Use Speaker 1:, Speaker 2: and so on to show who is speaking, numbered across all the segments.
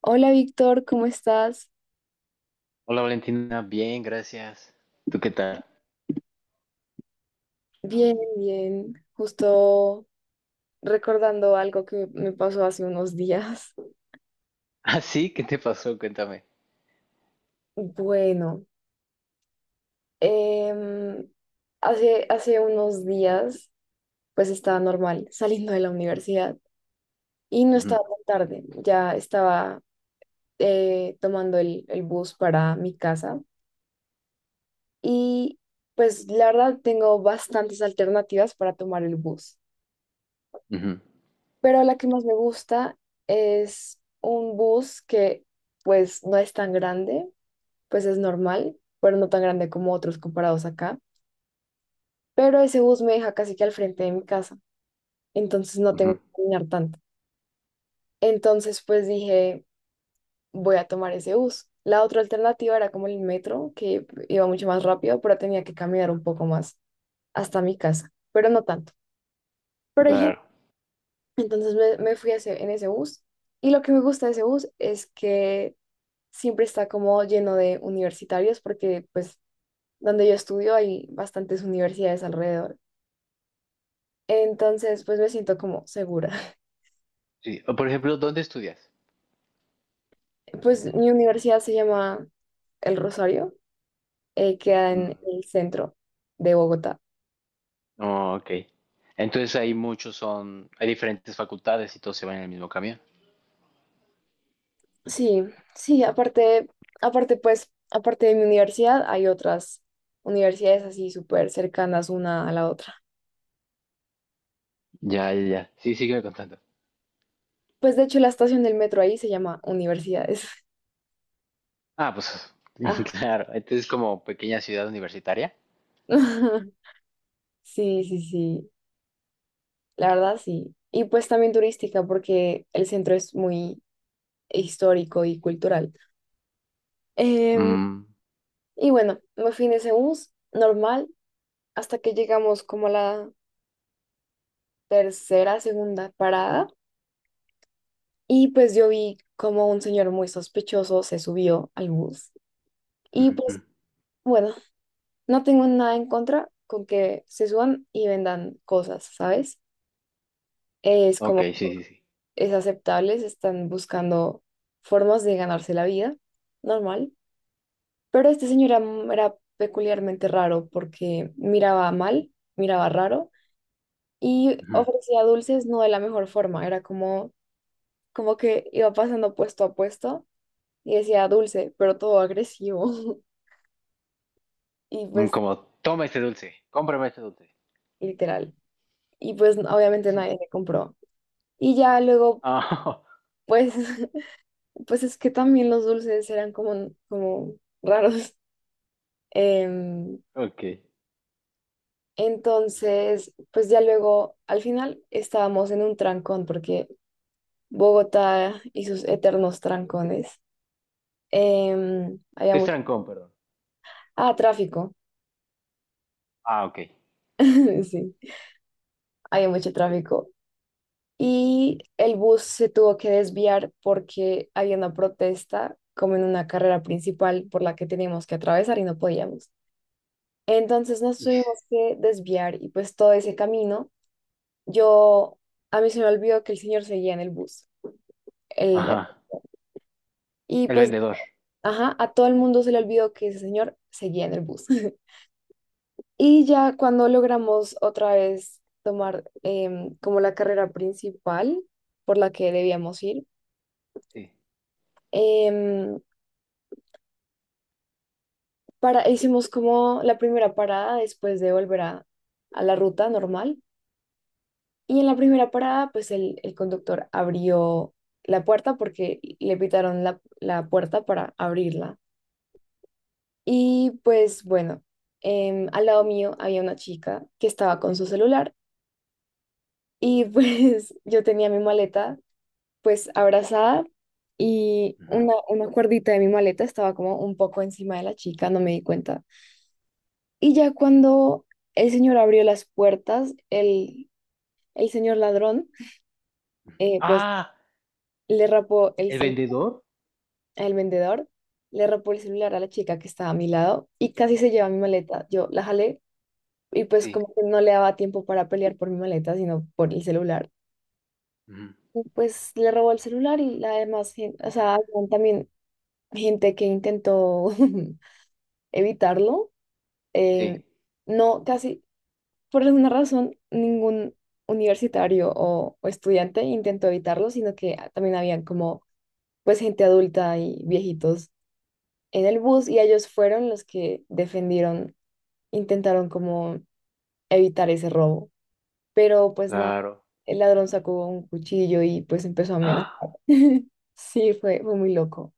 Speaker 1: Hola, Víctor, ¿cómo estás?
Speaker 2: Hola Valentina, bien, gracias. ¿Tú qué tal?
Speaker 1: Bien, bien. Justo recordando algo que me pasó hace unos días.
Speaker 2: Ah, sí, ¿qué te pasó? Cuéntame.
Speaker 1: Bueno, em, hace unos días pues estaba normal saliendo de la universidad y no
Speaker 2: Ujú,
Speaker 1: estaba tan tarde, ya estaba tomando el bus para mi casa, y pues la verdad tengo bastantes alternativas para tomar el bus.
Speaker 2: ujú,
Speaker 1: Pero la que más me gusta es un bus que pues no es tan grande, pues es normal, pero no tan grande como otros comparados acá. Pero ese bus me deja casi que al frente de mi casa, entonces no
Speaker 2: ujú.
Speaker 1: tengo que caminar tanto. Entonces pues dije, voy a tomar ese bus. La otra alternativa era como el metro, que iba mucho más rápido, pero tenía que caminar un poco más hasta mi casa, pero no tanto. Pero dije,
Speaker 2: Claro.
Speaker 1: entonces me fui a en ese bus, y lo que me gusta de ese bus es que siempre está como lleno de universitarios, porque pues donde yo estudio hay bastantes universidades alrededor. Entonces pues me siento como segura.
Speaker 2: Sí. O, por ejemplo, ¿dónde estudias?
Speaker 1: Pues mi universidad se llama El Rosario, queda en
Speaker 2: Mm.
Speaker 1: el centro de Bogotá.
Speaker 2: Oh, ok. Entonces ahí muchos son, hay diferentes facultades y todos se van en el mismo camión.
Speaker 1: Sí, sí, aparte, aparte pues, aparte de mi universidad hay otras universidades así súper cercanas una a la otra.
Speaker 2: Ya, ya, ya. Sí, sígueme contando.
Speaker 1: Pues de hecho la estación del metro ahí se llama Universidades.
Speaker 2: Ah, pues
Speaker 1: Ah.
Speaker 2: claro. Entonces como pequeña ciudad universitaria.
Speaker 1: Sí, sí, sí. La verdad, sí. Y pues también turística, porque el centro es muy histórico y cultural. Em,
Speaker 2: Mm,
Speaker 1: y bueno, me fui en ese bus normal hasta que llegamos como a la tercera, segunda parada. Y pues yo vi como un señor muy sospechoso se subió al bus. Y pues
Speaker 2: ujú.
Speaker 1: bueno, no tengo nada en contra con que se suban y vendan cosas, ¿sabes? Es
Speaker 2: Ok,
Speaker 1: como,
Speaker 2: sí, sí, sí.
Speaker 1: es aceptable, se están buscando formas de ganarse la vida, normal. Pero este señor era, era peculiarmente raro porque miraba mal, miraba raro y
Speaker 2: Ujú.
Speaker 1: ofrecía dulces no de la mejor forma. Era como, como que iba pasando puesto a puesto y decía dulce, pero todo agresivo. Y
Speaker 2: Mm.
Speaker 1: pues,
Speaker 2: Como, toma este dulce, cómprame este dulce.
Speaker 1: literal. Y pues, obviamente nadie le compró. Y ya luego,
Speaker 2: Ah,
Speaker 1: pues, pues es que también los dulces eran como, como raros. Em,
Speaker 2: ok. ¿Qué
Speaker 1: entonces, pues ya luego, al final estábamos en un trancón porque Bogotá y sus eternos trancones. Em, había
Speaker 2: es
Speaker 1: mucho...
Speaker 2: trancón, perdón?
Speaker 1: Ah, tráfico.
Speaker 2: Ah, ok.
Speaker 1: Sí, había mucho tráfico. Y el bus se tuvo que desviar porque había una protesta, como en una carrera principal por la que teníamos que atravesar y no podíamos. Entonces nos
Speaker 2: Y-
Speaker 1: tuvimos que desviar y pues todo ese camino, yo, a mí se me olvidó que el señor seguía en el bus. El, el-
Speaker 2: Ajá.
Speaker 1: y
Speaker 2: El
Speaker 1: pues,
Speaker 2: vendedor.
Speaker 1: ajá, a todo el mundo se le olvidó que ese señor seguía en el bus. Y ya cuando logramos otra vez tomar como la carrera principal por la que debíamos ir,
Speaker 2: Sí.
Speaker 1: em, para, hicimos como la primera parada después de volver a la ruta normal. Y en la primera parada, pues el conductor abrió la puerta porque le pitaron la puerta para abrirla. Y pues bueno, al lado mío había una chica que estaba con su celular, y pues yo tenía mi maleta pues abrazada y
Speaker 2: Ujú.
Speaker 1: una cuerdita de mi maleta estaba como un poco encima de la chica, no me di cuenta. Y ya cuando el señor abrió las puertas, el señor ladrón, pues
Speaker 2: Ah,
Speaker 1: le rapó el
Speaker 2: el
Speaker 1: cel
Speaker 2: vendedor.
Speaker 1: al vendedor, le rapó el celular a la chica que estaba a mi lado y casi se lleva mi maleta. Yo la jalé y pues
Speaker 2: Sí.
Speaker 1: como que no le daba tiempo para pelear por mi maleta, sino por el celular.
Speaker 2: Ujú.
Speaker 1: Y pues le robó el celular, y la demás gente, o sea, habían también gente que intentó evitarlo.
Speaker 2: Sí,
Speaker 1: eh, no, casi por alguna razón, ningún universitario o estudiante intentó evitarlo, sino que ah, también habían como pues gente adulta y viejitos en el bus, y ellos fueron los que defendieron, intentaron como evitar ese robo. Pero pues nada,
Speaker 2: claro.
Speaker 1: el ladrón sacó un cuchillo y pues empezó a
Speaker 2: ¡Ah!
Speaker 1: amenazar. Sí, fue muy loco.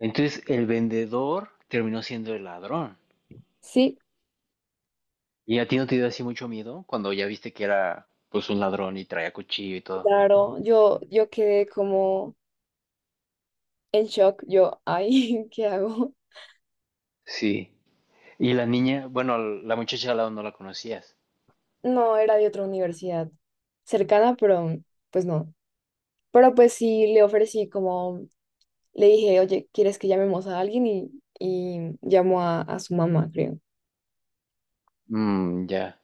Speaker 2: Entonces, el vendedor terminó siendo el ladrón.
Speaker 1: Sí,
Speaker 2: ¿Y a ti no te dio así mucho miedo cuando ya viste que era pues un ladrón y traía cuchillo y todo?
Speaker 1: claro, yo quedé como en shock, yo, ay, ¿qué hago?
Speaker 2: Sí. Y la niña, bueno, la muchacha al lado no la conocías.
Speaker 1: No, era de otra universidad cercana, pero pues no. Pero pues sí le ofrecí como, le dije, oye, ¿quieres que llamemos a alguien? Y llamó a su mamá, creo.
Speaker 2: Mm, ya.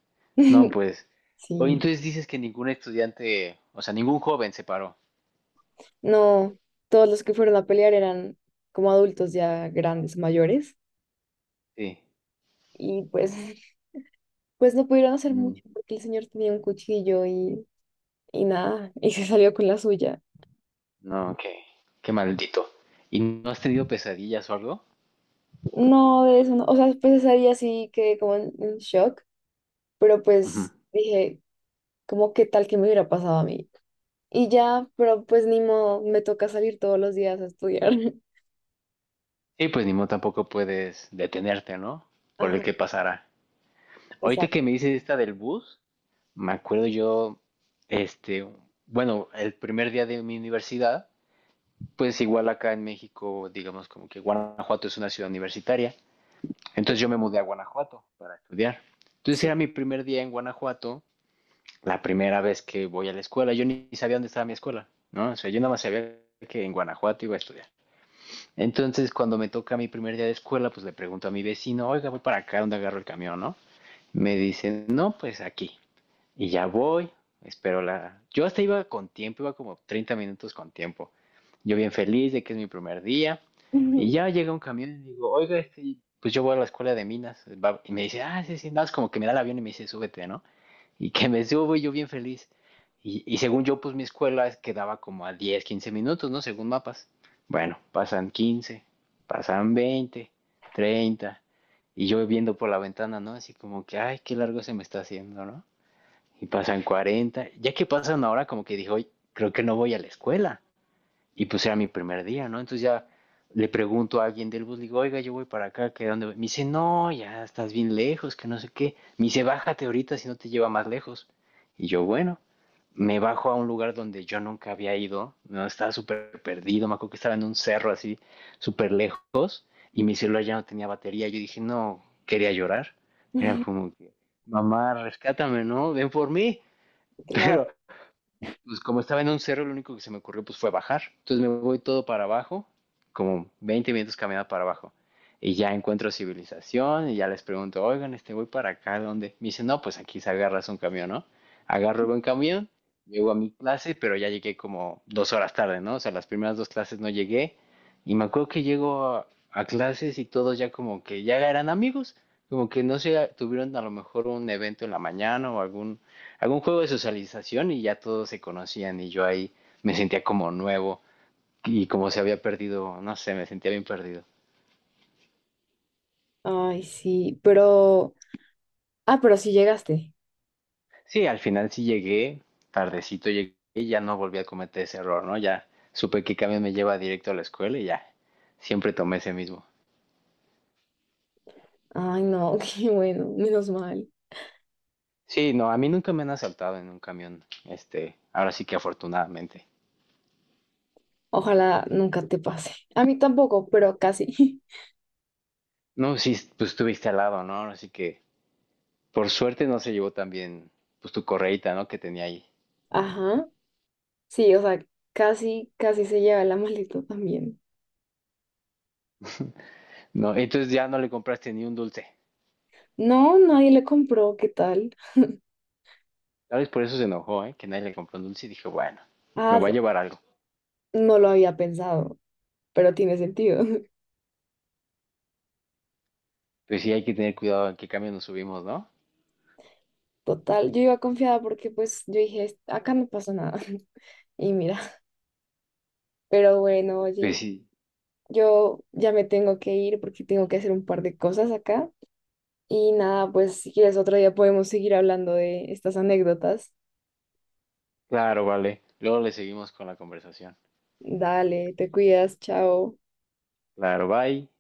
Speaker 2: No, pues. Oye,
Speaker 1: Sí.
Speaker 2: entonces dices que ningún estudiante, o sea, ningún joven se paró.
Speaker 1: No, todos los que fueron a pelear eran como adultos ya grandes, mayores.
Speaker 2: Sí.
Speaker 1: Y pues, pues no pudieron hacer
Speaker 2: Mm.
Speaker 1: mucho porque el señor tenía un cuchillo y nada, y se salió con la suya.
Speaker 2: No, qué, qué maldito. ¿Y no has tenido pesadillas o algo?
Speaker 1: No, de eso no. O sea, pues ese día sí quedé como en shock, pero
Speaker 2: Ujú.
Speaker 1: pues dije como qué tal que me hubiera pasado a mí. Y ya, pero pues ni modo, me toca salir todos los días a estudiar.
Speaker 2: Y pues ni modo tampoco puedes detenerte, ¿no? Por el
Speaker 1: Ajá,
Speaker 2: que pasará. Ahorita
Speaker 1: exacto,
Speaker 2: que me dices esta del bus, me acuerdo yo, este, bueno, el primer día de mi universidad, pues igual acá en México, digamos como que Guanajuato es una ciudad universitaria. Entonces yo me mudé a Guanajuato para estudiar. Entonces
Speaker 1: sí.
Speaker 2: era mi primer día en Guanajuato, la primera vez que voy a la escuela. Yo ni sabía dónde estaba mi escuela, ¿no? O sea, yo nada más sabía que en Guanajuato iba a estudiar. Entonces, cuando me toca mi primer día de escuela, pues le pregunto a mi vecino: oiga, voy para acá, ¿dónde agarro el camión, no? Me dice, no, pues aquí. Y ya voy, espero la... Yo hasta iba con tiempo, iba como 30 minutos con tiempo. Yo bien feliz de que es mi primer día. Y ya llega un camión y digo, oiga, este, pues yo voy a la escuela de minas. Y me dice, ah, sí, sí, nada, más como que me da el avión y me dice, súbete, ¿no? Y que me subo y yo bien feliz. Y según yo, pues mi escuela quedaba como a 10 15 minutos, ¿no? Según mapas. Bueno, pasan 15, pasan 20, 30. Y yo viendo por la ventana, ¿no? Así como que, ay, qué largo se me está haciendo, ¿no? Y pasan 40. Ya que pasan ahora, como que dijo, creo que no voy a la escuela. Y pues era mi primer día, ¿no? Entonces ya le pregunto a alguien del bus, digo, oiga, yo voy para acá, ¿qué, dónde voy? Me dice, no, ya estás bien lejos, que no sé qué. Me dice, bájate ahorita si no te lleva más lejos. Y yo, bueno, me bajo a un lugar donde yo nunca había ido, no estaba súper perdido, me acuerdo que estaba en un cerro así, súper lejos, y mi celular ya no tenía batería. Yo dije, no, quería llorar. Era como que, mamá, rescátame, ¿no? Ven por mí. Pero
Speaker 1: Claro.
Speaker 2: pues como estaba en un cerro, lo único que se me ocurrió pues fue bajar. Entonces me voy todo para abajo, como 20 minutos caminando para abajo. Y ya encuentro civilización y ya les pregunto, oigan, este, voy para acá, ¿dónde? Me dicen, no, pues aquí se agarras un camión, ¿no? Agarro el buen camión, llego a mi clase, pero ya llegué como 2 horas tarde, ¿no? O sea, las primeras dos clases no llegué. Y me acuerdo que llego a clases y todos ya como que ya eran amigos, como que no se tuvieron a lo mejor un evento en la mañana o algún juego de socialización y ya todos se conocían y yo ahí me sentía como nuevo y como se había perdido, no sé, me sentía bien perdido.
Speaker 1: Ay, sí, pero... Ah, pero sí llegaste.
Speaker 2: Sí, al final sí llegué, tardecito llegué y ya no volví a cometer ese error, ¿no? Ya supe que camión me lleva directo a la escuela y ya, siempre tomé ese mismo.
Speaker 1: Ay, no, qué bueno, menos mal.
Speaker 2: Sí, no, a mí nunca me han asaltado en un camión, este, ahora sí que afortunadamente.
Speaker 1: Ojalá nunca te pase. A mí tampoco, pero casi.
Speaker 2: No, sí, pues estuviste al lado, ¿no? Así que por suerte no se llevó también, pues tu correita, ¿no? Que tenía ahí.
Speaker 1: Ajá, sí, o sea, casi, casi se lleva la maleta también.
Speaker 2: No, entonces ya no le compraste ni un dulce.
Speaker 1: No, nadie le compró, ¿qué tal?
Speaker 2: Tal vez por eso se enojó, ¿eh? Que nadie le compró un dulce y dijo, bueno, me
Speaker 1: Ah,
Speaker 2: va a llevar algo.
Speaker 1: no lo había pensado, pero tiene sentido.
Speaker 2: Pues sí, hay que tener cuidado en qué camión nos subimos, ¿no?
Speaker 1: Total, yo iba confiada porque pues yo dije, "Es- acá no pasó nada." Y mira, pero bueno,
Speaker 2: Pues
Speaker 1: oye,
Speaker 2: sí,
Speaker 1: yo ya me tengo que ir porque tengo que hacer un par de cosas acá. Y nada, pues si quieres otro día podemos seguir hablando de estas anécdotas.
Speaker 2: claro, vale. Luego le seguimos con la conversación.
Speaker 1: Dale, te cuidas, chao.
Speaker 2: Claro, bye.